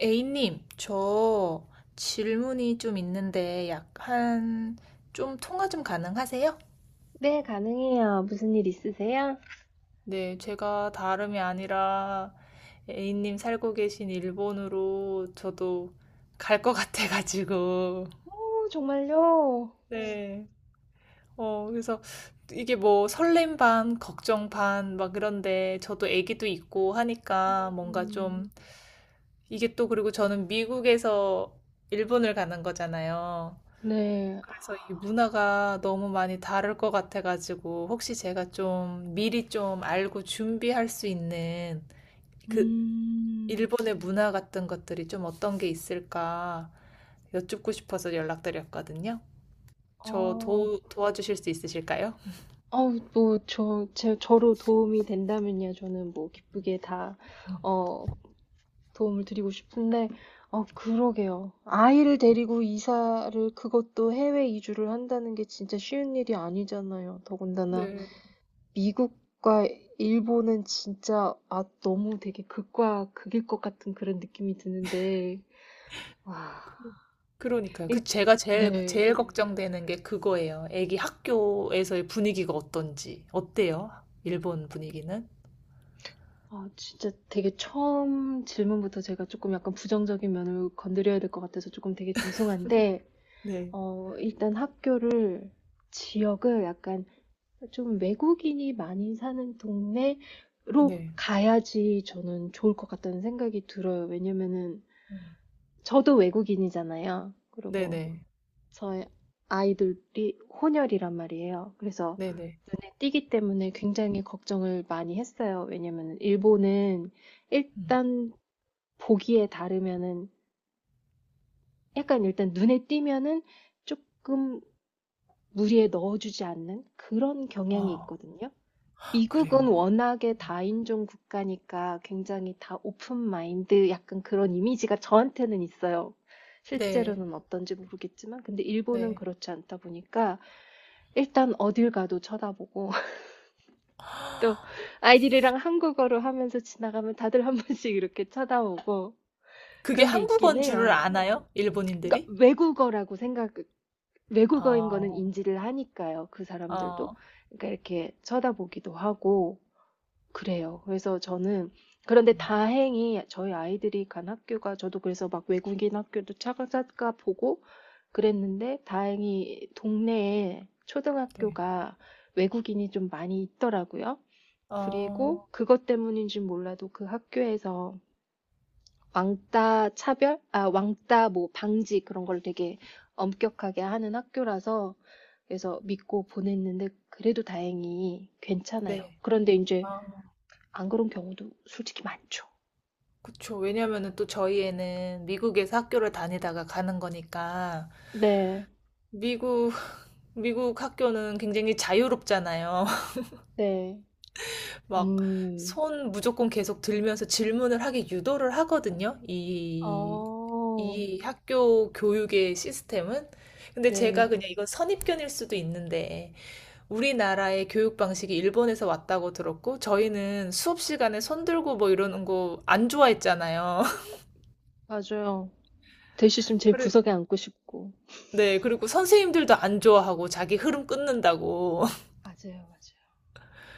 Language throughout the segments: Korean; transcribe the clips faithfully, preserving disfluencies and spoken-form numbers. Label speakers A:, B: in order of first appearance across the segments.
A: A님, 저 질문이 좀 있는데 약간 좀 통화 좀 가능하세요?
B: 네, 가능해요. 무슨 일 있으세요?
A: 네, 제가 다름이 아니라 A님 살고 계신 일본으로 저도 갈 것 같아가지고.
B: 오, 정말요?
A: 네. 어, 그래서 이게 뭐 설렘 반, 걱정 반, 막 그런데 저도 애기도 있고 하니까 뭔가 좀
B: 음,
A: 이게 또, 그리고 저는 미국에서 일본을 가는 거잖아요.
B: 네.
A: 그래서 이 문화가 너무 많이 다를 것 같아가지고, 혹시 제가 좀 미리 좀 알고 준비할 수 있는 그
B: 음,
A: 일본의 문화 같은 것들이 좀 어떤 게 있을까 여쭙고 싶어서 연락드렸거든요. 저
B: 어,
A: 도, 도와주실 수 있으실까요?
B: 아우, 뭐, 저, 제, 저로 도움이 된다면요. 저는 뭐, 기쁘게 다, 어, 도움을 드리고 싶은데, 어, 그러게요. 아이를 데리고 이사를, 그것도 해외 이주를 한다는 게 진짜 쉬운 일이 아니잖아요. 더군다나,
A: 네.
B: 미국과 일본은 진짜 아 너무 되게 극과 극일 것 같은 그런 느낌이 드는데 와
A: 그- 그러니까요. 그
B: 일,
A: 제가 제일
B: 네.
A: 제일 걱정되는 게 그거예요. 애기 학교에서의 분위기가 어떤지. 어때요? 일본 분위기는?
B: 아 진짜 되게 처음 질문부터 제가 조금 약간 부정적인 면을 건드려야 될 것 같아서 조금 되게 죄송한데
A: 네.
B: 어 일단 학교를 지역을 약간 좀 외국인이 많이 사는 동네로
A: 네.
B: 가야지 저는 좋을 것 같다는 생각이 들어요. 왜냐면은
A: 음.
B: 저도 외국인이잖아요. 그리고
A: 네네.
B: 저의 아이들이 혼혈이란 말이에요. 그래서
A: 네네.
B: 눈에 띄기 때문에 굉장히 걱정을 많이 했어요. 왜냐면 일본은
A: 음.
B: 일단 보기에 다르면은 약간 일단 눈에 띄면은 조금 무리에 넣어주지 않는 그런 경향이
A: 아,
B: 있거든요. 미국은
A: 그래요?
B: 워낙에
A: 음.
B: 다인종 국가니까 굉장히 다 오픈 마인드 약간 그런 이미지가 저한테는 있어요.
A: 네.
B: 실제로는 어떤지 모르겠지만 근데 일본은
A: 네.
B: 그렇지 않다 보니까 일단 어딜 가도 쳐다보고 또 아이들이랑 한국어로 하면서 지나가면 다들 한 번씩 이렇게 쳐다보고
A: 그게
B: 그런 게 있긴
A: 한국어인 줄을
B: 해요.
A: 아나요?
B: 그러니까
A: 일본인들이?
B: 외국어라고 생각, 외국어인 거는
A: 아.
B: 인지를 하니까요. 그 사람들도.
A: 아.
B: 그러니까 이렇게 쳐다보기도 하고 그래요. 그래서 저는 그런데
A: 음.
B: 다행히 저희 아이들이 간 학교가 저도 그래서 막 외국인 학교도 차가차가 보고 그랬는데 다행히 동네에
A: 네.
B: 초등학교가 외국인이 좀 많이 있더라고요. 그리고
A: 어.
B: 그것 때문인지 몰라도 그 학교에서 왕따 차별, 아, 왕따 뭐 방지 그런 걸 되게 엄격하게 하는 학교라서 그래서 믿고 보냈는데 그래도 다행히 괜찮아요.
A: 네.
B: 그런데 이제
A: 아,
B: 안 그런 경우도 솔직히 많죠.
A: 그쵸. 왜냐면은 또 저희에는 미국에서 학교를 다니다가 가는 거니까
B: 네,
A: 미국 미국 학교는 굉장히 자유롭잖아요.
B: 네,
A: 막
B: 음,
A: 손 무조건 계속 들면서 질문을 하게 유도를 하거든요. 이
B: 어,
A: 이 학교 교육의 시스템은. 근데 제가
B: 네,
A: 그냥 이건 선입견일 수도 있는데 우리나라의 교육 방식이 일본에서 왔다고 들었고, 저희는 수업 시간에 손 들고 뭐 이러는 거 안 좋아했잖아요.
B: 맞아요. 될 수 있으면 제
A: 그래.
B: 구석에 앉고 싶고.
A: 네, 그리고 선생님들도 안 좋아하고 자기 흐름 끊는다고.
B: 맞아요, 맞아요.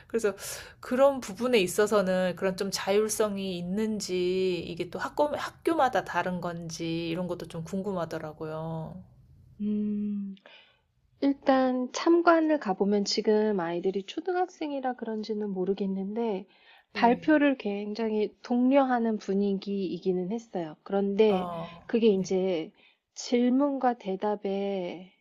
A: 그래서 그런 부분에 있어서는 그런 좀 자율성이 있는지, 이게 또 학교, 학교마다 다른 건지, 이런 것도 좀 궁금하더라고요.
B: 음. 일단 참관을 가보면 지금 아이들이 초등학생이라 그런지는 모르겠는데
A: 네.
B: 발표를 굉장히 독려하는 분위기이기는 했어요.
A: 아,
B: 그런데
A: 어,
B: 그게
A: 네.
B: 이제 질문과 대답의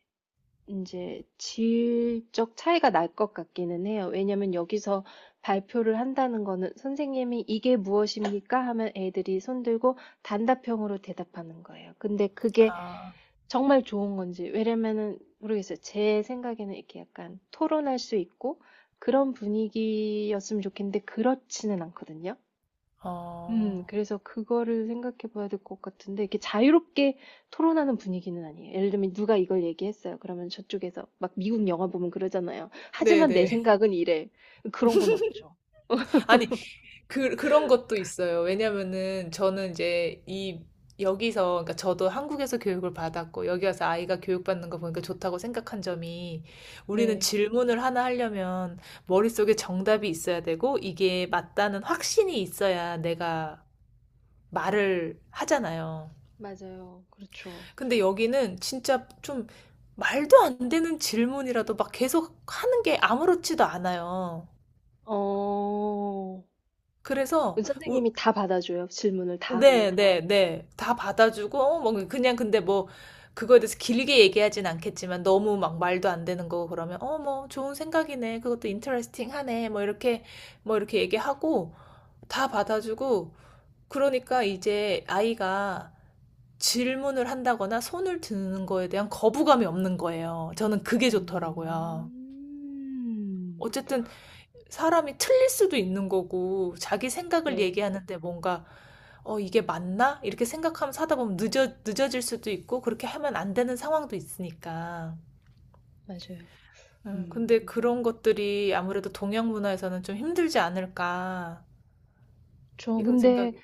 B: 이제 질적 차이가 날 것 같기는 해요. 왜냐면 여기서 발표를 한다는 거는 선생님이 이게 무엇입니까? 하면 애들이 손들고 단답형으로 대답하는 거예요. 근데 그게
A: 아,
B: 정말 좋은 건지. 왜냐면은 모르겠어요. 제 생각에는 이렇게 약간 토론할 수 있고 그런 분위기였으면 좋겠는데 그렇지는 않거든요. 음,
A: 어.
B: 그래서 그거를 생각해 봐야 될 것 같은데 이렇게 자유롭게 토론하는 분위기는 아니에요. 예를 들면 누가 이걸 얘기했어요. 그러면 저쪽에서 막 미국 영화 보면 그러잖아요. 하지만 내
A: 네네.
B: 생각은 이래. 그런 건 없죠.
A: 아니, 그, 그런 것도 있어요. 왜냐면은 저는 이제 이 여기서, 그러니까 저도 한국에서 교육을 받았고 여기 와서 아이가 교육받는 거 보니까 좋다고 생각한 점이, 우리는
B: 네.
A: 질문을 하나 하려면 머릿속에 정답이 있어야 되고 이게
B: 음,
A: 맞다는 확신이 있어야 내가 말을 하잖아요.
B: 맞아요. 그렇죠.
A: 근데 여기는 진짜 좀 말도 안 되는 질문이라도 막 계속 하는 게 아무렇지도 않아요.
B: 어,
A: 그래서 우-
B: 선생님이 다 받아줘요. 질문을 다.
A: 네, 그러니까. 네, 네. 다 받아주고, 어, 뭐, 그냥 근데 뭐, 그거에 대해서 길게 얘기하진 않겠지만, 너무 막 말도 안 되는 거 그러면, 어, 뭐, 좋은 생각이네. 그것도 인터레스팅 하네. 뭐, 이렇게, 뭐, 이렇게 얘기하고, 다 받아주고, 그러니까 이제 아이가 질문을 한다거나 손을 드는 거에 대한 거부감이 없는 거예요. 저는 그게 좋더라고요.
B: 음.
A: 어쨌든 사람이 틀릴 수도 있는 거고, 자기 생각을
B: 네.
A: 얘기하는데 뭔가, 어, 이게 맞나? 이렇게 생각하면 사다 보면 늦어, 늦어질 수도 있고, 그렇게 하면 안 되는 상황도 있으니까.
B: 맞아요.
A: 음,
B: 음.
A: 근데 그런 것들이 아무래도 동양 문화에서는 좀 힘들지 않을까,
B: 저
A: 이런
B: 근데
A: 생각이.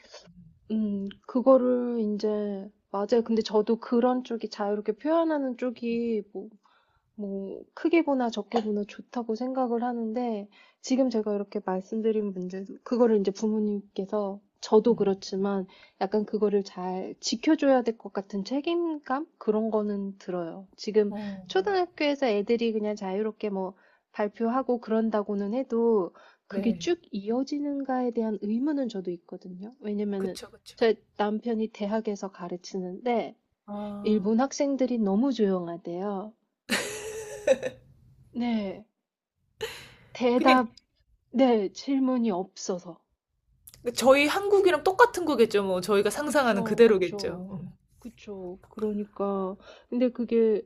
B: 음 그거를 이제 맞아요. 근데 저도 그런 쪽이 자유롭게 표현하는 쪽이 뭐 뭐 크게 보나 적게 보나 좋다고 생각을 하는데 지금 제가 이렇게 말씀드린 문제 그거를 이제 부모님께서 저도
A: 음.
B: 그렇지만 약간 그거를 잘 지켜줘야 될 것 같은 책임감 그런 거는 들어요. 지금
A: 어,
B: 초등학교에서 애들이 그냥 자유롭게 뭐 발표하고 그런다고는 해도 그게
A: 네.
B: 쭉 이어지는가에 대한 의문은 저도 있거든요. 왜냐면은
A: 그쵸, 그쵸.
B: 제 남편이 대학에서 가르치는데
A: 아,
B: 일본 학생들이 너무 조용하대요. 네.
A: 그냥
B: 대답, 네, 질문이 없어서.
A: 저희 한국이랑 똑같은 거겠죠, 뭐. 저희가 상상하는
B: 그쵸, 그쵸,
A: 그대로겠죠. 음,
B: 그쵸. 그러니까, 근데 그게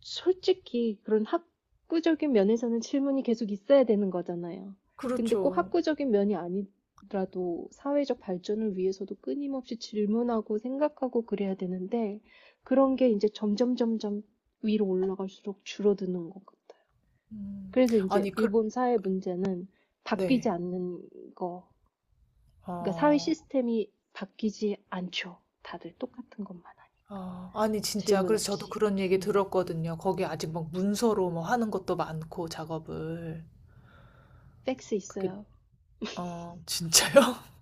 B: 솔직히 그런 학구적인 면에서는 질문이 계속 있어야 되는 거잖아요. 근데 꼭
A: 그렇죠.
B: 학구적인 면이 아니더라도 사회적 발전을 위해서도 끊임없이 질문하고 생각하고 그래야 되는데, 그런 게 이제 점점 점점 위로 올라갈수록 줄어드는 것 같아요.
A: 음.
B: 그래서 이제
A: 아니, 그,
B: 일본 사회 문제는 바뀌지
A: 네.
B: 않는 거. 그러니까 사회
A: 어,
B: 시스템이 바뀌지 않죠. 다들 똑같은 것만 하니까.
A: 아, 아니 진짜
B: 질문
A: 그래서 저도
B: 없이.
A: 그런 얘기
B: 음.
A: 들었거든요. 거기 아직 막 문서로 뭐 하는 것도 많고 작업을.
B: 팩스
A: 그게
B: 있어요.
A: 어 진짜요?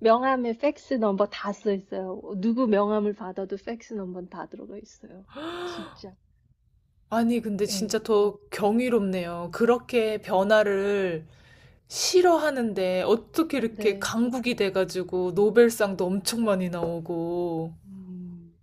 B: 명함에 팩스 넘버 다 써 있어요. 누구 명함을 받아도 팩스 넘버는 다 들어가 있어요. 진짜.
A: 아니 근데
B: 예.
A: 진짜 더 경이롭네요. 그렇게 변화를 싫어하는데 어떻게 이렇게
B: 네.
A: 강국이 돼 가지고 노벨상도 엄청 많이 나오고
B: 음.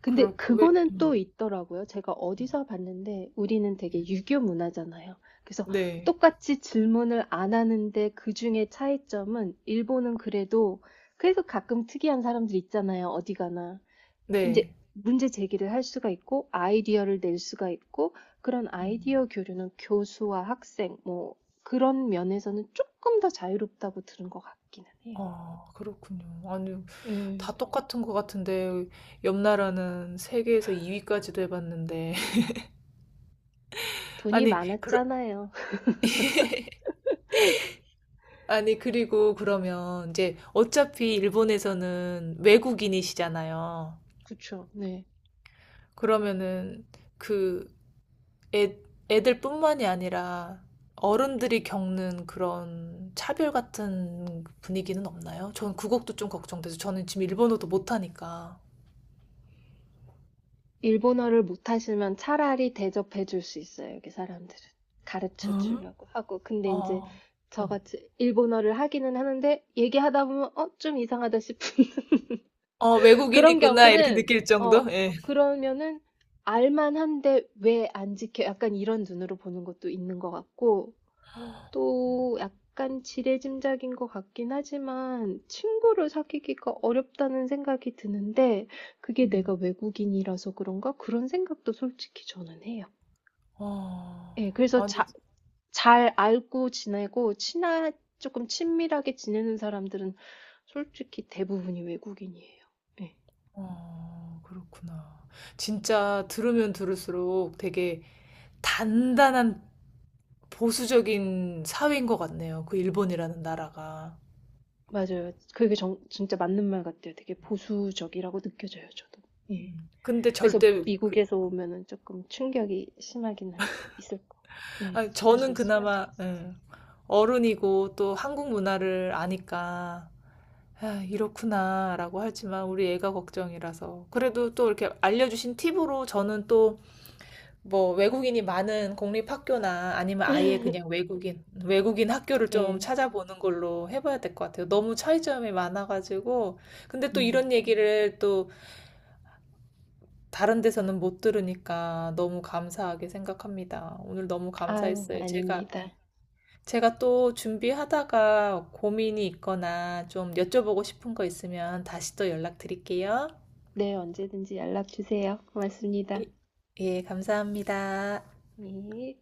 B: 근데
A: 그럴 왜.
B: 그거는
A: 음.
B: 또 있더라고요. 제가 어디서 봤는데 우리는 되게 유교 문화잖아요. 그래서
A: 네.
B: 똑같이 질문을 안 하는데 그중에 차이점은 일본은 그래도 그래서 가끔 특이한 사람들 있잖아요. 어디 가나. 이제
A: 네.
B: 문제 제기를 할 수가 있고 아이디어를 낼 수가 있고 그런
A: 음.
B: 아이디어 교류는 교수와 학생 뭐 그런 면에서는 조금 더 자유롭다고 들은 것 같기는 해요.
A: 아, 그렇군요. 아니 다
B: 네.
A: 똑같은 것 같은데 옆 나라는 세계에서 이 위까지도 해 봤는데.
B: 돈이
A: 아니, 그러,
B: 많았잖아요.
A: 아니, 그리고 그러면 이제 어차피 일본에서는 외국인이시잖아요.
B: 그쵸, 네.
A: 그러면은 그 애, 애들뿐만이 아니라 어른들이 겪는 그런 차별 같은 분위기는 없나요? 전 그것도 좀 걱정돼서 저는 지금 일본어도 못하니까.
B: 일본어를 못하시면 차라리 대접해 줄 수 있어요, 여기 사람들은.
A: 어?
B: 가르쳐 주려고 하고. 근데 이제
A: 어, 어,
B: 저같이 일본어를 하기는 하는데 얘기하다 보면 어, 좀 이상하다 싶은
A: 어,
B: 그런
A: 외국인이구나 이렇게
B: 경우는
A: 느낄 정도?
B: 어,
A: 예.
B: 그러면은 알만한데 왜 안 지켜? 약간 이런 눈으로 보는 것도 있는 것 같고. 또 약간 지레짐작인 것 같긴 하지만 친구를 사귀기가 어렵다는 생각이 드는데 그게
A: 음.
B: 내가 외국인이라서 그런가? 그런 생각도 솔직히 저는 해요. 예,
A: 어,
B: 그래서
A: 아니
B: 자, 잘 알고 지내고 친하, 조금 친밀하게 지내는 사람들은 솔직히 대부분이 외국인이에요. 예,
A: 어, 그렇구나. 진짜 들으면 들을수록 되게 단단한 보수적인 사회인 것 같네요. 그 일본이라는 나라가.
B: 맞아요. 그게 정, 진짜 맞는 말 같아요. 되게 보수적이라고 느껴져요, 저도. 예.
A: 음, 근데
B: 그래서
A: 절대, 그,
B: 미국에서 오면은 조금 충격이 심하긴 할 수- 있을 거, 예,
A: 아니,
B: 심할 수
A: 저는
B: 있을 것 같아요.
A: 그나마, 예, 어른이고 또 한국 문화를 아니까, 아, 이렇구나, 라고 하지만 우리 애가 걱정이라서. 그래도 또 이렇게 알려주신 팁으로 저는 또 뭐 외국인이 많은 공립학교나 아니면 아예 그냥 외국인, 외국인 학교를 좀
B: 예,
A: 찾아보는 걸로 해봐야 될 것 같아요.
B: 음,
A: 너무 차이점이 많아가지고. 근데 또
B: 음.
A: 이런 얘기를 또 다른 데서는 못 들으니까 너무 감사하게 생각합니다. 오늘 너무
B: 아유,
A: 감사했어요. 제가,
B: 아닙니다.
A: 제가 또 준비하다가 고민이 있거나 좀 여쭤보고 싶은 거 있으면 다시 또 연락드릴게요.
B: 네, 언제든지 연락 주세요.
A: 예,
B: 고맙습니다.
A: 예, 감사합니다.
B: 예.